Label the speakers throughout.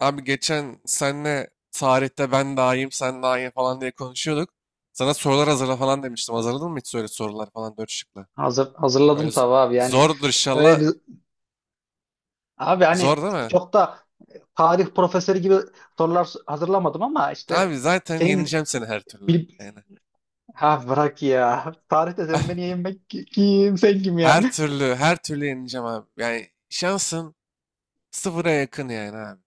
Speaker 1: Abi geçen senle tarihte ben daha iyiyim, sen daha iyi falan diye konuşuyorduk. Sana sorular hazırla falan demiştim. Hazırladın mı hiç öyle sorular falan dört şıklı? Öyle
Speaker 2: Hazırladım tabii abi, yani
Speaker 1: zordur
Speaker 2: öyle
Speaker 1: inşallah.
Speaker 2: bir, abi
Speaker 1: Zor
Speaker 2: hani
Speaker 1: değil mi?
Speaker 2: çok da tarih profesörü gibi sorular hazırlamadım ama işte
Speaker 1: Abi zaten
Speaker 2: senin
Speaker 1: yeneceğim seni her türlü.
Speaker 2: bil
Speaker 1: Yani
Speaker 2: ha bırak ya, tarihte sen
Speaker 1: ah,
Speaker 2: beni yenmek, kim sen kim
Speaker 1: her
Speaker 2: yani?
Speaker 1: türlü, her türlü yeneceğim abi. Yani şansın sıfıra yakın yani abi.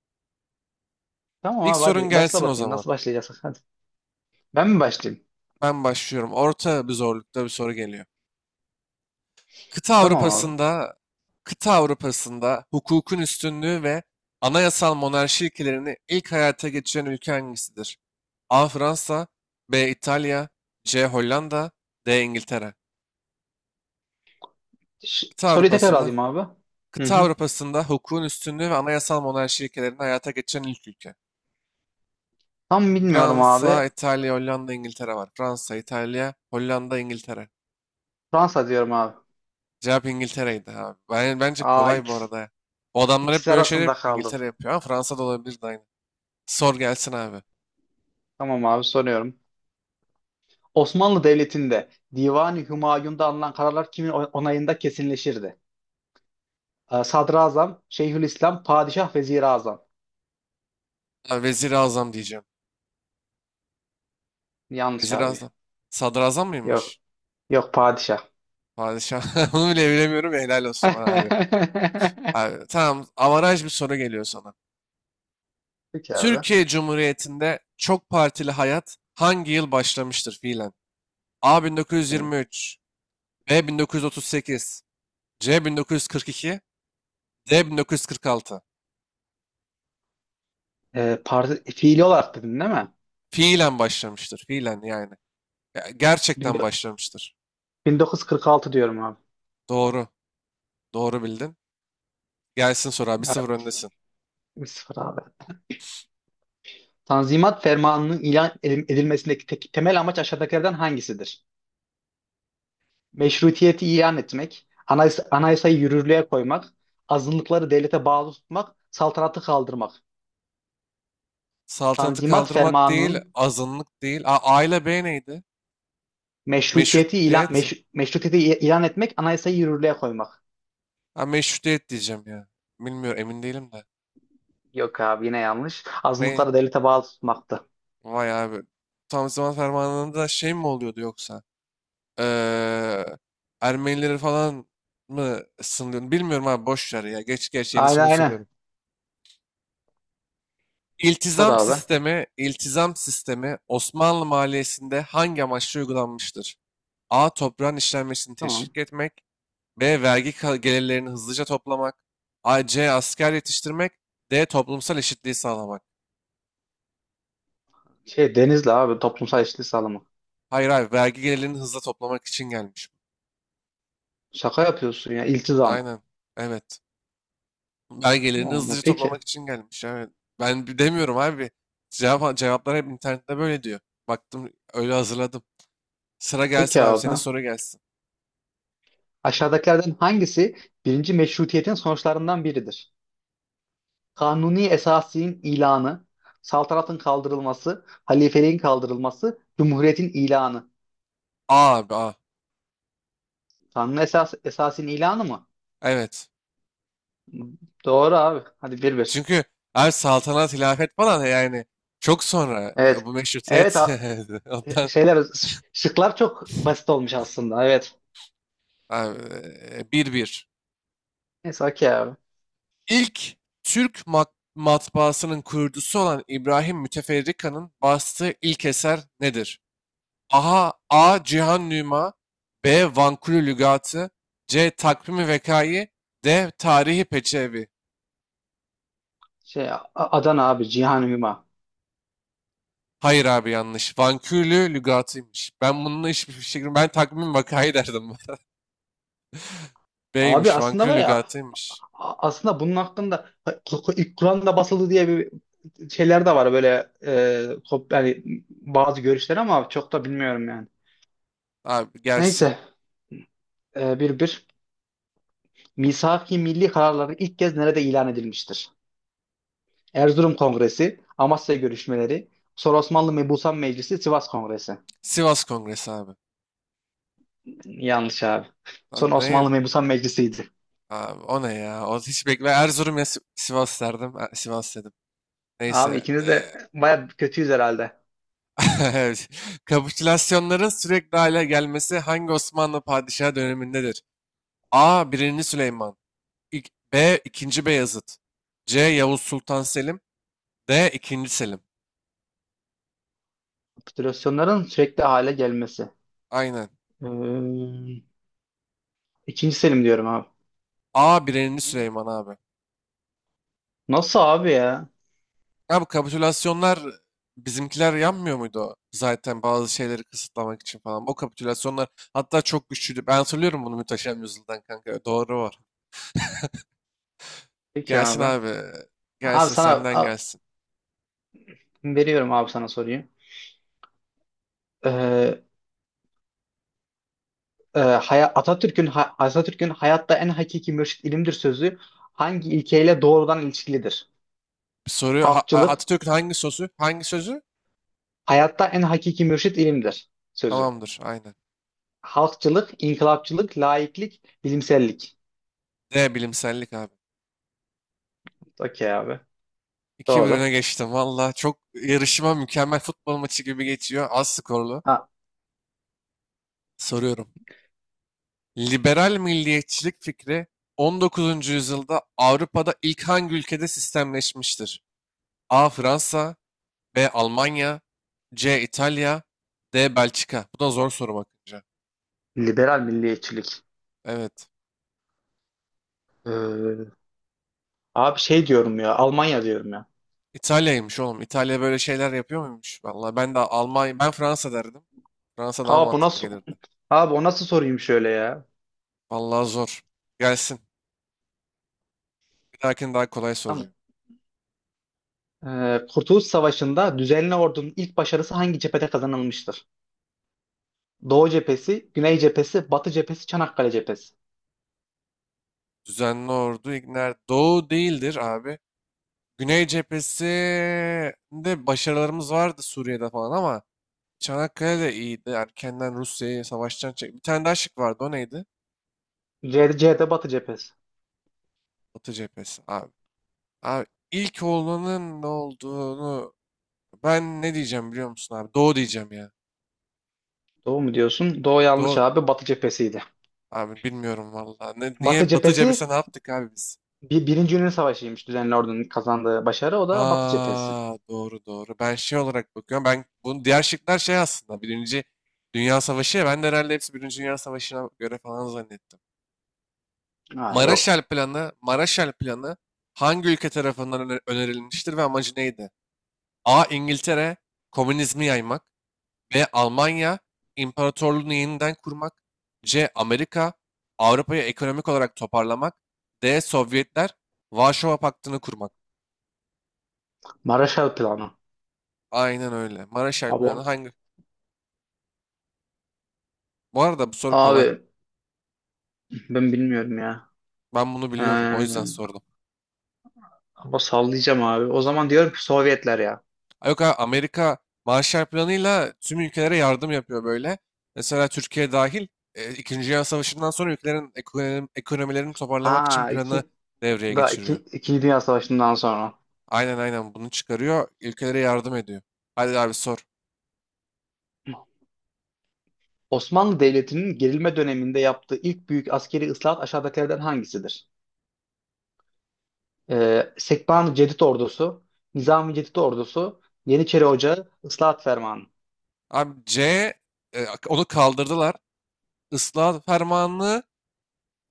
Speaker 2: Tamam
Speaker 1: İlk
Speaker 2: abi,
Speaker 1: sorun
Speaker 2: hadi başla
Speaker 1: gelsin o
Speaker 2: bakayım,
Speaker 1: zaman.
Speaker 2: nasıl başlayacağız, hadi, ben mi başlayayım?
Speaker 1: Ben başlıyorum. Orta bir zorlukta bir soru geliyor. Kıta
Speaker 2: Tamam abi.
Speaker 1: Avrupa'sında, kıta Avrupa'sında hukukun üstünlüğü ve anayasal monarşi ilkelerini ilk hayata geçiren ülke hangisidir? A. Fransa, B. İtalya, C. Hollanda, D. İngiltere. Kıta
Speaker 2: Soruyu tekrar
Speaker 1: Avrupa'sında,
Speaker 2: alayım abi. Hı
Speaker 1: kıta
Speaker 2: hı.
Speaker 1: Avrupa'sında hukukun üstünlüğü ve anayasal monarşi ilkelerini hayata geçiren ilk ülke.
Speaker 2: Tam bilmiyorum abi.
Speaker 1: Fransa, İtalya, Hollanda, İngiltere var. Fransa, İtalya, Hollanda, İngiltere.
Speaker 2: Fransa diyorum abi.
Speaker 1: Cevap İngiltere'ydi abi. Bence
Speaker 2: aa
Speaker 1: kolay bu
Speaker 2: ikisi,
Speaker 1: arada. O adamlar hep
Speaker 2: ikisi
Speaker 1: böyle şeyler
Speaker 2: arasında kaldım.
Speaker 1: İngiltere yapıyor ama Fransa da olabilirdi aynı. Sor gelsin abi.
Speaker 2: Tamam abi, soruyorum. Osmanlı Devleti'nde Divani Hümayun'da alınan kararlar kimin onayında kesinleşirdi? Sadrazam, Şeyhülislam, Padişah, Vezirazam.
Speaker 1: Ha, Vezir-i Azam diyeceğim.
Speaker 2: Yanlış
Speaker 1: Vezir-i
Speaker 2: abi.
Speaker 1: Azam. Sadrazam
Speaker 2: Yok.
Speaker 1: mıymış?
Speaker 2: Yok, padişah.
Speaker 1: Padişah. Onu bile bilemiyorum. Ya, helal olsun bana abi. Abi, tamam. Avaraj bir soru geliyor sana.
Speaker 2: Peki abi.
Speaker 1: Türkiye Cumhuriyeti'nde çok partili hayat hangi yıl başlamıştır fiilen? A
Speaker 2: Hı.
Speaker 1: 1923, B 1938, C 1942, D 1946.
Speaker 2: Fiili olarak dedin değil mi?
Speaker 1: Fiilen başlamıştır. Fiilen yani. Ya, gerçekten başlamıştır.
Speaker 2: 1946 diyorum abi.
Speaker 1: Doğru. Doğru bildin. Gelsin soru abi. 1-0
Speaker 2: Evet.
Speaker 1: öndesin.
Speaker 2: 1-0 abi. Tanzimat Fermanı'nın ilan edilmesindeki temel amaç aşağıdakilerden hangisidir? Meşrutiyeti ilan etmek, anayasayı yürürlüğe koymak, azınlıkları devlete bağlı tutmak, saltanatı kaldırmak.
Speaker 1: Saltanatı
Speaker 2: Tanzimat
Speaker 1: kaldırmak değil,
Speaker 2: Fermanı'nın
Speaker 1: azınlık değil. A, A ile B neydi? Meşrutiyet.
Speaker 2: meşrutiyeti ilan etmek, anayasayı yürürlüğe koymak.
Speaker 1: Ha, meşrutiyet diyeceğim ya. Bilmiyorum, emin değilim de.
Speaker 2: Yok abi, yine yanlış.
Speaker 1: Ne?
Speaker 2: Azınlıkları devlete bağlı tutmaktı.
Speaker 1: Vay abi. Tam zaman fermanında şey mi oluyordu yoksa? Ee, Ermenileri falan mı sınırlıyordu? Bilmiyorum abi, boş ver ya. Geç geç, yeni
Speaker 2: Aynen,
Speaker 1: soru
Speaker 2: aynen.
Speaker 1: soruyorum.
Speaker 2: Sor
Speaker 1: İltizam
Speaker 2: abi.
Speaker 1: sistemi, iltizam sistemi Osmanlı maliyesinde hangi amaçla uygulanmıştır? A. Toprağın işlenmesini
Speaker 2: Tamam.
Speaker 1: teşvik etmek. B. Vergi gelirlerini hızlıca toplamak. C. Asker yetiştirmek. D. Toplumsal eşitliği sağlamak.
Speaker 2: Şey Denizli abi, toplumsal eşitlik sağlamak.
Speaker 1: Hayır abi vergi gelirlerini hızla toplamak için gelmiş.
Speaker 2: Şaka yapıyorsun ya, iltizam.
Speaker 1: Aynen. Evet. Vergi gelirini
Speaker 2: Allah Allah.
Speaker 1: hızlıca
Speaker 2: Peki.
Speaker 1: toplamak için gelmiş. Evet. Ben demiyorum abi. Cevaplar hep internette böyle diyor. Baktım öyle hazırladım. Sıra gelsin
Speaker 2: Peki
Speaker 1: abi
Speaker 2: abi.
Speaker 1: senin soru gelsin.
Speaker 2: Aşağıdakilerden hangisi birinci meşrutiyetin sonuçlarından biridir? Kanuni esasinin ilanı, saltanatın kaldırılması, halifeliğin kaldırılması, cumhuriyetin ilanı.
Speaker 1: A abi A.
Speaker 2: Kanuni esasinin ilanı mı?
Speaker 1: Evet.
Speaker 2: Doğru abi. Hadi 1-1.
Speaker 1: Çünkü abi saltanat, hilafet falan yani çok sonra
Speaker 2: Evet.
Speaker 1: bu
Speaker 2: Evet,
Speaker 1: meşrutiyet ondan
Speaker 2: şıklar çok basit olmuş aslında. Evet.
Speaker 1: abi bir. 1
Speaker 2: Neyse, okey abi.
Speaker 1: İlk Türk matbaasının kurucusu olan İbrahim Müteferrika'nın bastığı ilk eser nedir? Aha, A. Cihan Nüma B. Vankulü Lügatı C. Takvimi Vekayi D. Tarihi Peçevi.
Speaker 2: Adana abi, Cihan Hüma.
Speaker 1: Hayır abi yanlış. Vankulü Lügatıymış. Ben bununla hiçbir fikrim. Ben Takvimi Vekayi derdim.
Speaker 2: Abi,
Speaker 1: B'ymiş.
Speaker 2: aslında
Speaker 1: Vankulü
Speaker 2: var ya,
Speaker 1: Lügatıymış.
Speaker 2: aslında bunun hakkında ilk Kur'an'da basıldı diye bir şeyler de var böyle, yani bazı görüşler, ama çok da bilmiyorum yani.
Speaker 1: Abi gelsin.
Speaker 2: Neyse. 1-1. Misak Milli kararları ilk kez nerede ilan edilmiştir? Erzurum Kongresi, Amasya görüşmeleri, sonra Osmanlı Mebusan Meclisi, Sivas Kongresi.
Speaker 1: Sivas Kongresi abi.
Speaker 2: Yanlış abi. Son
Speaker 1: Lan ne?
Speaker 2: Osmanlı Mebusan Meclisi'ydi.
Speaker 1: Abi, o ne ya? O hiç bekle. Erzurum ya Sivas derdim. Sivas dedim.
Speaker 2: Abi,
Speaker 1: Neyse.
Speaker 2: ikimiz de baya kötüyüz herhalde.
Speaker 1: Kapitülasyonların sürekli hale gelmesi hangi Osmanlı padişahı dönemindedir? A. birinci Süleyman B. ikinci Beyazıt C. Yavuz Sultan Selim D. ikinci Selim.
Speaker 2: Kapitülasyonların sürekli hale gelmesi.
Speaker 1: Aynen.
Speaker 2: Ee, ikinci Selim diyorum abi.
Speaker 1: A. birinci Süleyman abi.
Speaker 2: Nasıl abi ya?
Speaker 1: Ya bu kapitülasyonlar bizimkiler yanmıyor muydu o? Zaten bazı şeyleri kısıtlamak için falan. O kapitülasyonlar hatta çok güçlüydü. Ben hatırlıyorum bunu Muhteşem Yüzyıl'dan kanka. Doğru var.
Speaker 2: Peki
Speaker 1: Gelsin
Speaker 2: abi.
Speaker 1: abi.
Speaker 2: Abi,
Speaker 1: Gelsin
Speaker 2: sana
Speaker 1: senden gelsin.
Speaker 2: veriyorum abi, sana soruyu. Ee, Atatürk'ün Atatürk'ün hayatta en hakiki mürşit ilimdir sözü hangi ilkeyle doğrudan ilişkilidir?
Speaker 1: Soru
Speaker 2: Halkçılık,
Speaker 1: Atatürk'ün hangi sözü? Hangi sözü?
Speaker 2: hayatta en hakiki mürşit ilimdir sözü.
Speaker 1: Tamamdır. Aynen.
Speaker 2: Halkçılık, inkılapçılık, laiklik, bilimsellik.
Speaker 1: D bilimsellik abi.
Speaker 2: Okey abi.
Speaker 1: 2-1 öne
Speaker 2: Doğru.
Speaker 1: geçtim. Valla çok yarışma mükemmel futbol maçı gibi geçiyor. Az skorlu.
Speaker 2: Ha,
Speaker 1: Soruyorum. Liberal milliyetçilik fikri 19. yüzyılda Avrupa'da ilk hangi ülkede sistemleşmiştir? A. Fransa B. Almanya C. İtalya D. Belçika. Bu da zor soru bakınca.
Speaker 2: Liberal milliyetçilik.
Speaker 1: Evet.
Speaker 2: Ee, Abi, şey diyorum ya, Almanya diyorum ya.
Speaker 1: İtalya'ymış oğlum. İtalya böyle şeyler yapıyor muymuş? Vallahi ben de Almanya, ben Fransa derdim. Fransa daha
Speaker 2: Abi bu
Speaker 1: mantıklı
Speaker 2: nasıl
Speaker 1: gelirdi.
Speaker 2: Abi, o nasıl sorayım şöyle ya?
Speaker 1: Vallahi zor. Gelsin. Bir dahakini daha kolay
Speaker 2: Tamam.
Speaker 1: soracağım.
Speaker 2: Kurtuluş Savaşı'nda düzenli ordunun ilk başarısı hangi cephede kazanılmıştır? Doğu cephesi, Güney cephesi, Batı cephesi, Çanakkale cephesi.
Speaker 1: Düzenli ordu İgner. Doğu değildir abi. Güney cephesinde başarılarımız vardı Suriye'de falan ama Çanakkale de iyiydi. Erkenden Rusya'yı savaştan çek. Bir tane daha şık vardı. O neydi?
Speaker 2: C, C'de Batı cephesi.
Speaker 1: Batı cephesi abi. Abi ilk olanın ne olduğunu ben ne diyeceğim biliyor musun abi? Doğu diyeceğim ya.
Speaker 2: Doğu mu diyorsun? Doğu yanlış
Speaker 1: Doğu.
Speaker 2: abi. Batı cephesiydi.
Speaker 1: Abi bilmiyorum valla. Ne,
Speaker 2: Batı
Speaker 1: niye Batı
Speaker 2: cephesi
Speaker 1: cephesine ne yaptık abi biz?
Speaker 2: Birinci Yunan Savaşı'ymış düzenli ordunun kazandığı başarı. O da Batı cephesi.
Speaker 1: Ha doğru doğru. Ben şey olarak bakıyorum. Ben bunun diğer şıklar şey aslında. Birinci Dünya Savaşı. Ya, ben de herhalde hepsi Birinci Dünya Savaşı'na göre falan zannettim.
Speaker 2: Ha yok.
Speaker 1: Maraşal Planı hangi ülke tarafından önerilmiştir ve amacı neydi? A. İngiltere, komünizmi yaymak. B. Almanya imparatorluğunu yeniden kurmak. C. Amerika Avrupa'yı ekonomik olarak toparlamak. D. Sovyetler Varşova Paktı'nı kurmak.
Speaker 2: Marshall Planı.
Speaker 1: Aynen öyle. Marshall
Speaker 2: Abi,
Speaker 1: Planı hangi? Bu arada bu soru kolay.
Speaker 2: abi ben bilmiyorum ya.
Speaker 1: Ben bunu biliyorum. O yüzden
Speaker 2: Ee,
Speaker 1: sordum.
Speaker 2: Ama sallayacağım abi. O zaman diyorum ki Sovyetler ya.
Speaker 1: Ay, yok abi, Amerika Marshall Planı'yla tüm ülkelere yardım yapıyor böyle. Mesela Türkiye dahil İkinci Dünya Savaşı'ndan sonra ülkelerin ekonomilerini toparlamak için
Speaker 2: Ha
Speaker 1: planı
Speaker 2: iki,
Speaker 1: devreye
Speaker 2: da iki,
Speaker 1: geçiriyor.
Speaker 2: İkinci Dünya Savaşı'ndan sonra.
Speaker 1: Aynen aynen bunu çıkarıyor. Ülkelere yardım ediyor. Hadi abi sor.
Speaker 2: Osmanlı Devleti'nin gerilme döneminde yaptığı ilk büyük askeri ıslahat aşağıdakilerden hangisidir? Sekban Cedid Ordusu, Nizami Cedid Ordusu, Yeniçeri Ocağı, Islahat Fermanı.
Speaker 1: Abi C onu kaldırdılar. Islahat fermanını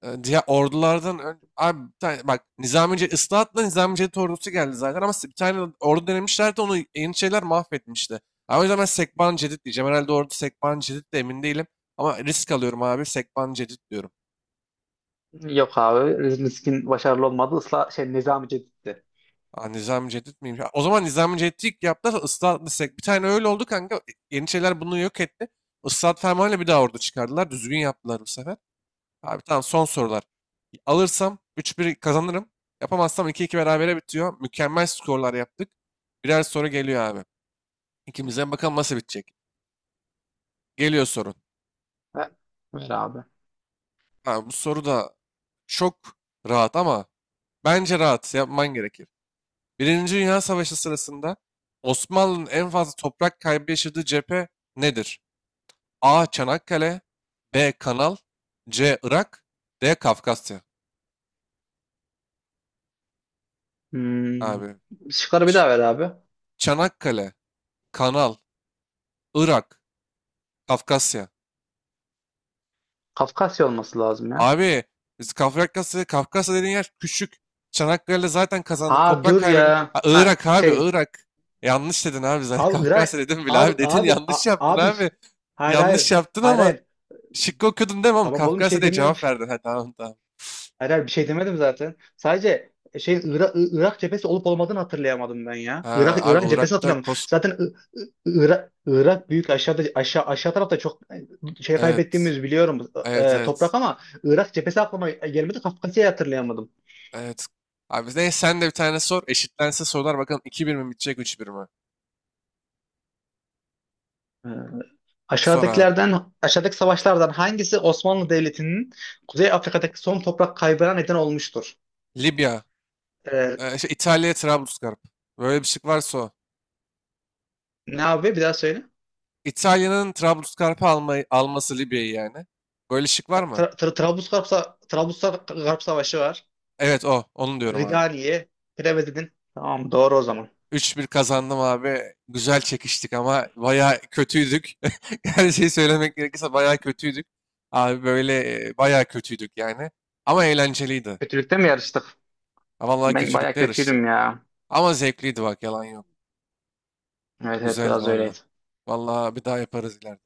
Speaker 1: diğer ordulardan abi bir tane, bak Nizamiye ıslahatla Nizami Cevdet ordusu geldi zaten ama bir tane ordu denemişlerdi onu Yeniçeriler mahvetmişti. Abi o yüzden ben Sekban Cedid diyeceğim. Herhalde ordu Sekban Cedid de emin değilim. Ama risk alıyorum abi Sekban Cedid diyorum.
Speaker 2: Yok abi. Riskin başarılı olmadı. Isla şey Nizami Cedid'di.
Speaker 1: Aa, Nizami Cedid miymiş? Ha, o zaman Nizami Cedid'i ilk yaptılar ıslahatla Sek. Bir tane öyle oldu kanka. Yeniçeriler bunu yok etti. Islahat fermanıyla bir daha ordu çıkardılar. Düzgün yaptılar bu sefer. Abi tamam son sorular. Alırsam 3-1 kazanırım. Yapamazsam 2-2 berabere bitiyor. Mükemmel skorlar yaptık. Birer soru geliyor abi. İkimizden bakalım nasıl bitecek. Geliyor sorun.
Speaker 2: Ver, Ver abi.
Speaker 1: Ha, bu soru da çok rahat ama bence rahat yapman gerekir. Birinci Dünya Savaşı sırasında Osmanlı'nın en fazla toprak kaybı yaşadığı cephe nedir? A. Çanakkale B. Kanal C. Irak D. Kafkasya.
Speaker 2: Hmm.
Speaker 1: Abi
Speaker 2: Şıkları bir
Speaker 1: Ç-
Speaker 2: daha ver abi.
Speaker 1: Çanakkale, Kanal, Irak, Kafkasya.
Speaker 2: Kafkasya olması lazım ya.
Speaker 1: Abi biz Kafkasya dediğin yer küçük. Çanakkale'de zaten kazandık.
Speaker 2: Ha
Speaker 1: Toprak
Speaker 2: dur
Speaker 1: kaybedin.
Speaker 2: ya.
Speaker 1: Ha, Irak abi Irak. Yanlış dedin abi zaten.
Speaker 2: Abi
Speaker 1: Kafkasya
Speaker 2: Irak,
Speaker 1: dedim bile
Speaker 2: abi
Speaker 1: abi. Dedin
Speaker 2: abi
Speaker 1: yanlış yaptın
Speaker 2: abi,
Speaker 1: abi.
Speaker 2: hayır,
Speaker 1: Yanlış
Speaker 2: hayır,
Speaker 1: yaptın
Speaker 2: hayır,
Speaker 1: ama
Speaker 2: hayır.
Speaker 1: şıkkı okudun değil mi oğlum?
Speaker 2: Tamam oğlum, bir
Speaker 1: Kafkasya
Speaker 2: şey
Speaker 1: diye
Speaker 2: demiyorum.
Speaker 1: cevap verdin. Ha tamam tamam.
Speaker 2: Hayır, hayır, bir şey demedim zaten. Sadece Irak cephesi olup olmadığını hatırlayamadım ben ya.
Speaker 1: Ha
Speaker 2: Irak
Speaker 1: abi
Speaker 2: Irak cephesi
Speaker 1: Irak'ta
Speaker 2: hatırlamadım.
Speaker 1: Kos...
Speaker 2: Zaten Irak büyük, aşağıda, aşağı aşağı tarafta çok
Speaker 1: Evet.
Speaker 2: kaybettiğimiz biliyorum,
Speaker 1: Evet evet.
Speaker 2: toprak, ama Irak cephesi aklıma gelmedi. Kafkasya'yı hatırlayamadım.
Speaker 1: Evet. Abi ne sen de bir tane sor. Eşitlense sorular bakalım 2-1 mi bitecek 3-1 mi?
Speaker 2: E,
Speaker 1: Sor abi.
Speaker 2: Aşağıdaki savaşlardan hangisi Osmanlı Devleti'nin Kuzey Afrika'daki son toprak kaybına neden olmuştur?
Speaker 1: Libya.
Speaker 2: E,
Speaker 1: Şey, İtalya Trablusgarp. Böyle bir şık varsa o.
Speaker 2: Ne abi, bir daha söyle.
Speaker 1: İtalya'nın Trablusgarp'ı almayı, alması Libya'yı yani. Böyle şık var mı?
Speaker 2: Trablusgarp Savaşı var.
Speaker 1: Evet o. Onu diyorum abi.
Speaker 2: Ridali'ye Preved'in. Tamam, doğru o zaman.
Speaker 1: 3-1 kazandım abi. Güzel çekiştik ama bayağı kötüydük. Her şeyi söylemek gerekirse bayağı kötüydük. Abi böyle bayağı kötüydük yani. Ama eğlenceliydi.
Speaker 2: Kötülükte mi yarıştık?
Speaker 1: Ha, vallahi
Speaker 2: Ben baya
Speaker 1: kötülükle yarıştık.
Speaker 2: kötüydüm ya.
Speaker 1: Ama zevkliydi bak yalan yok.
Speaker 2: Evet, evet,
Speaker 1: Güzeldi
Speaker 2: biraz
Speaker 1: valla.
Speaker 2: öyleydi.
Speaker 1: Valla bir daha yaparız ileride.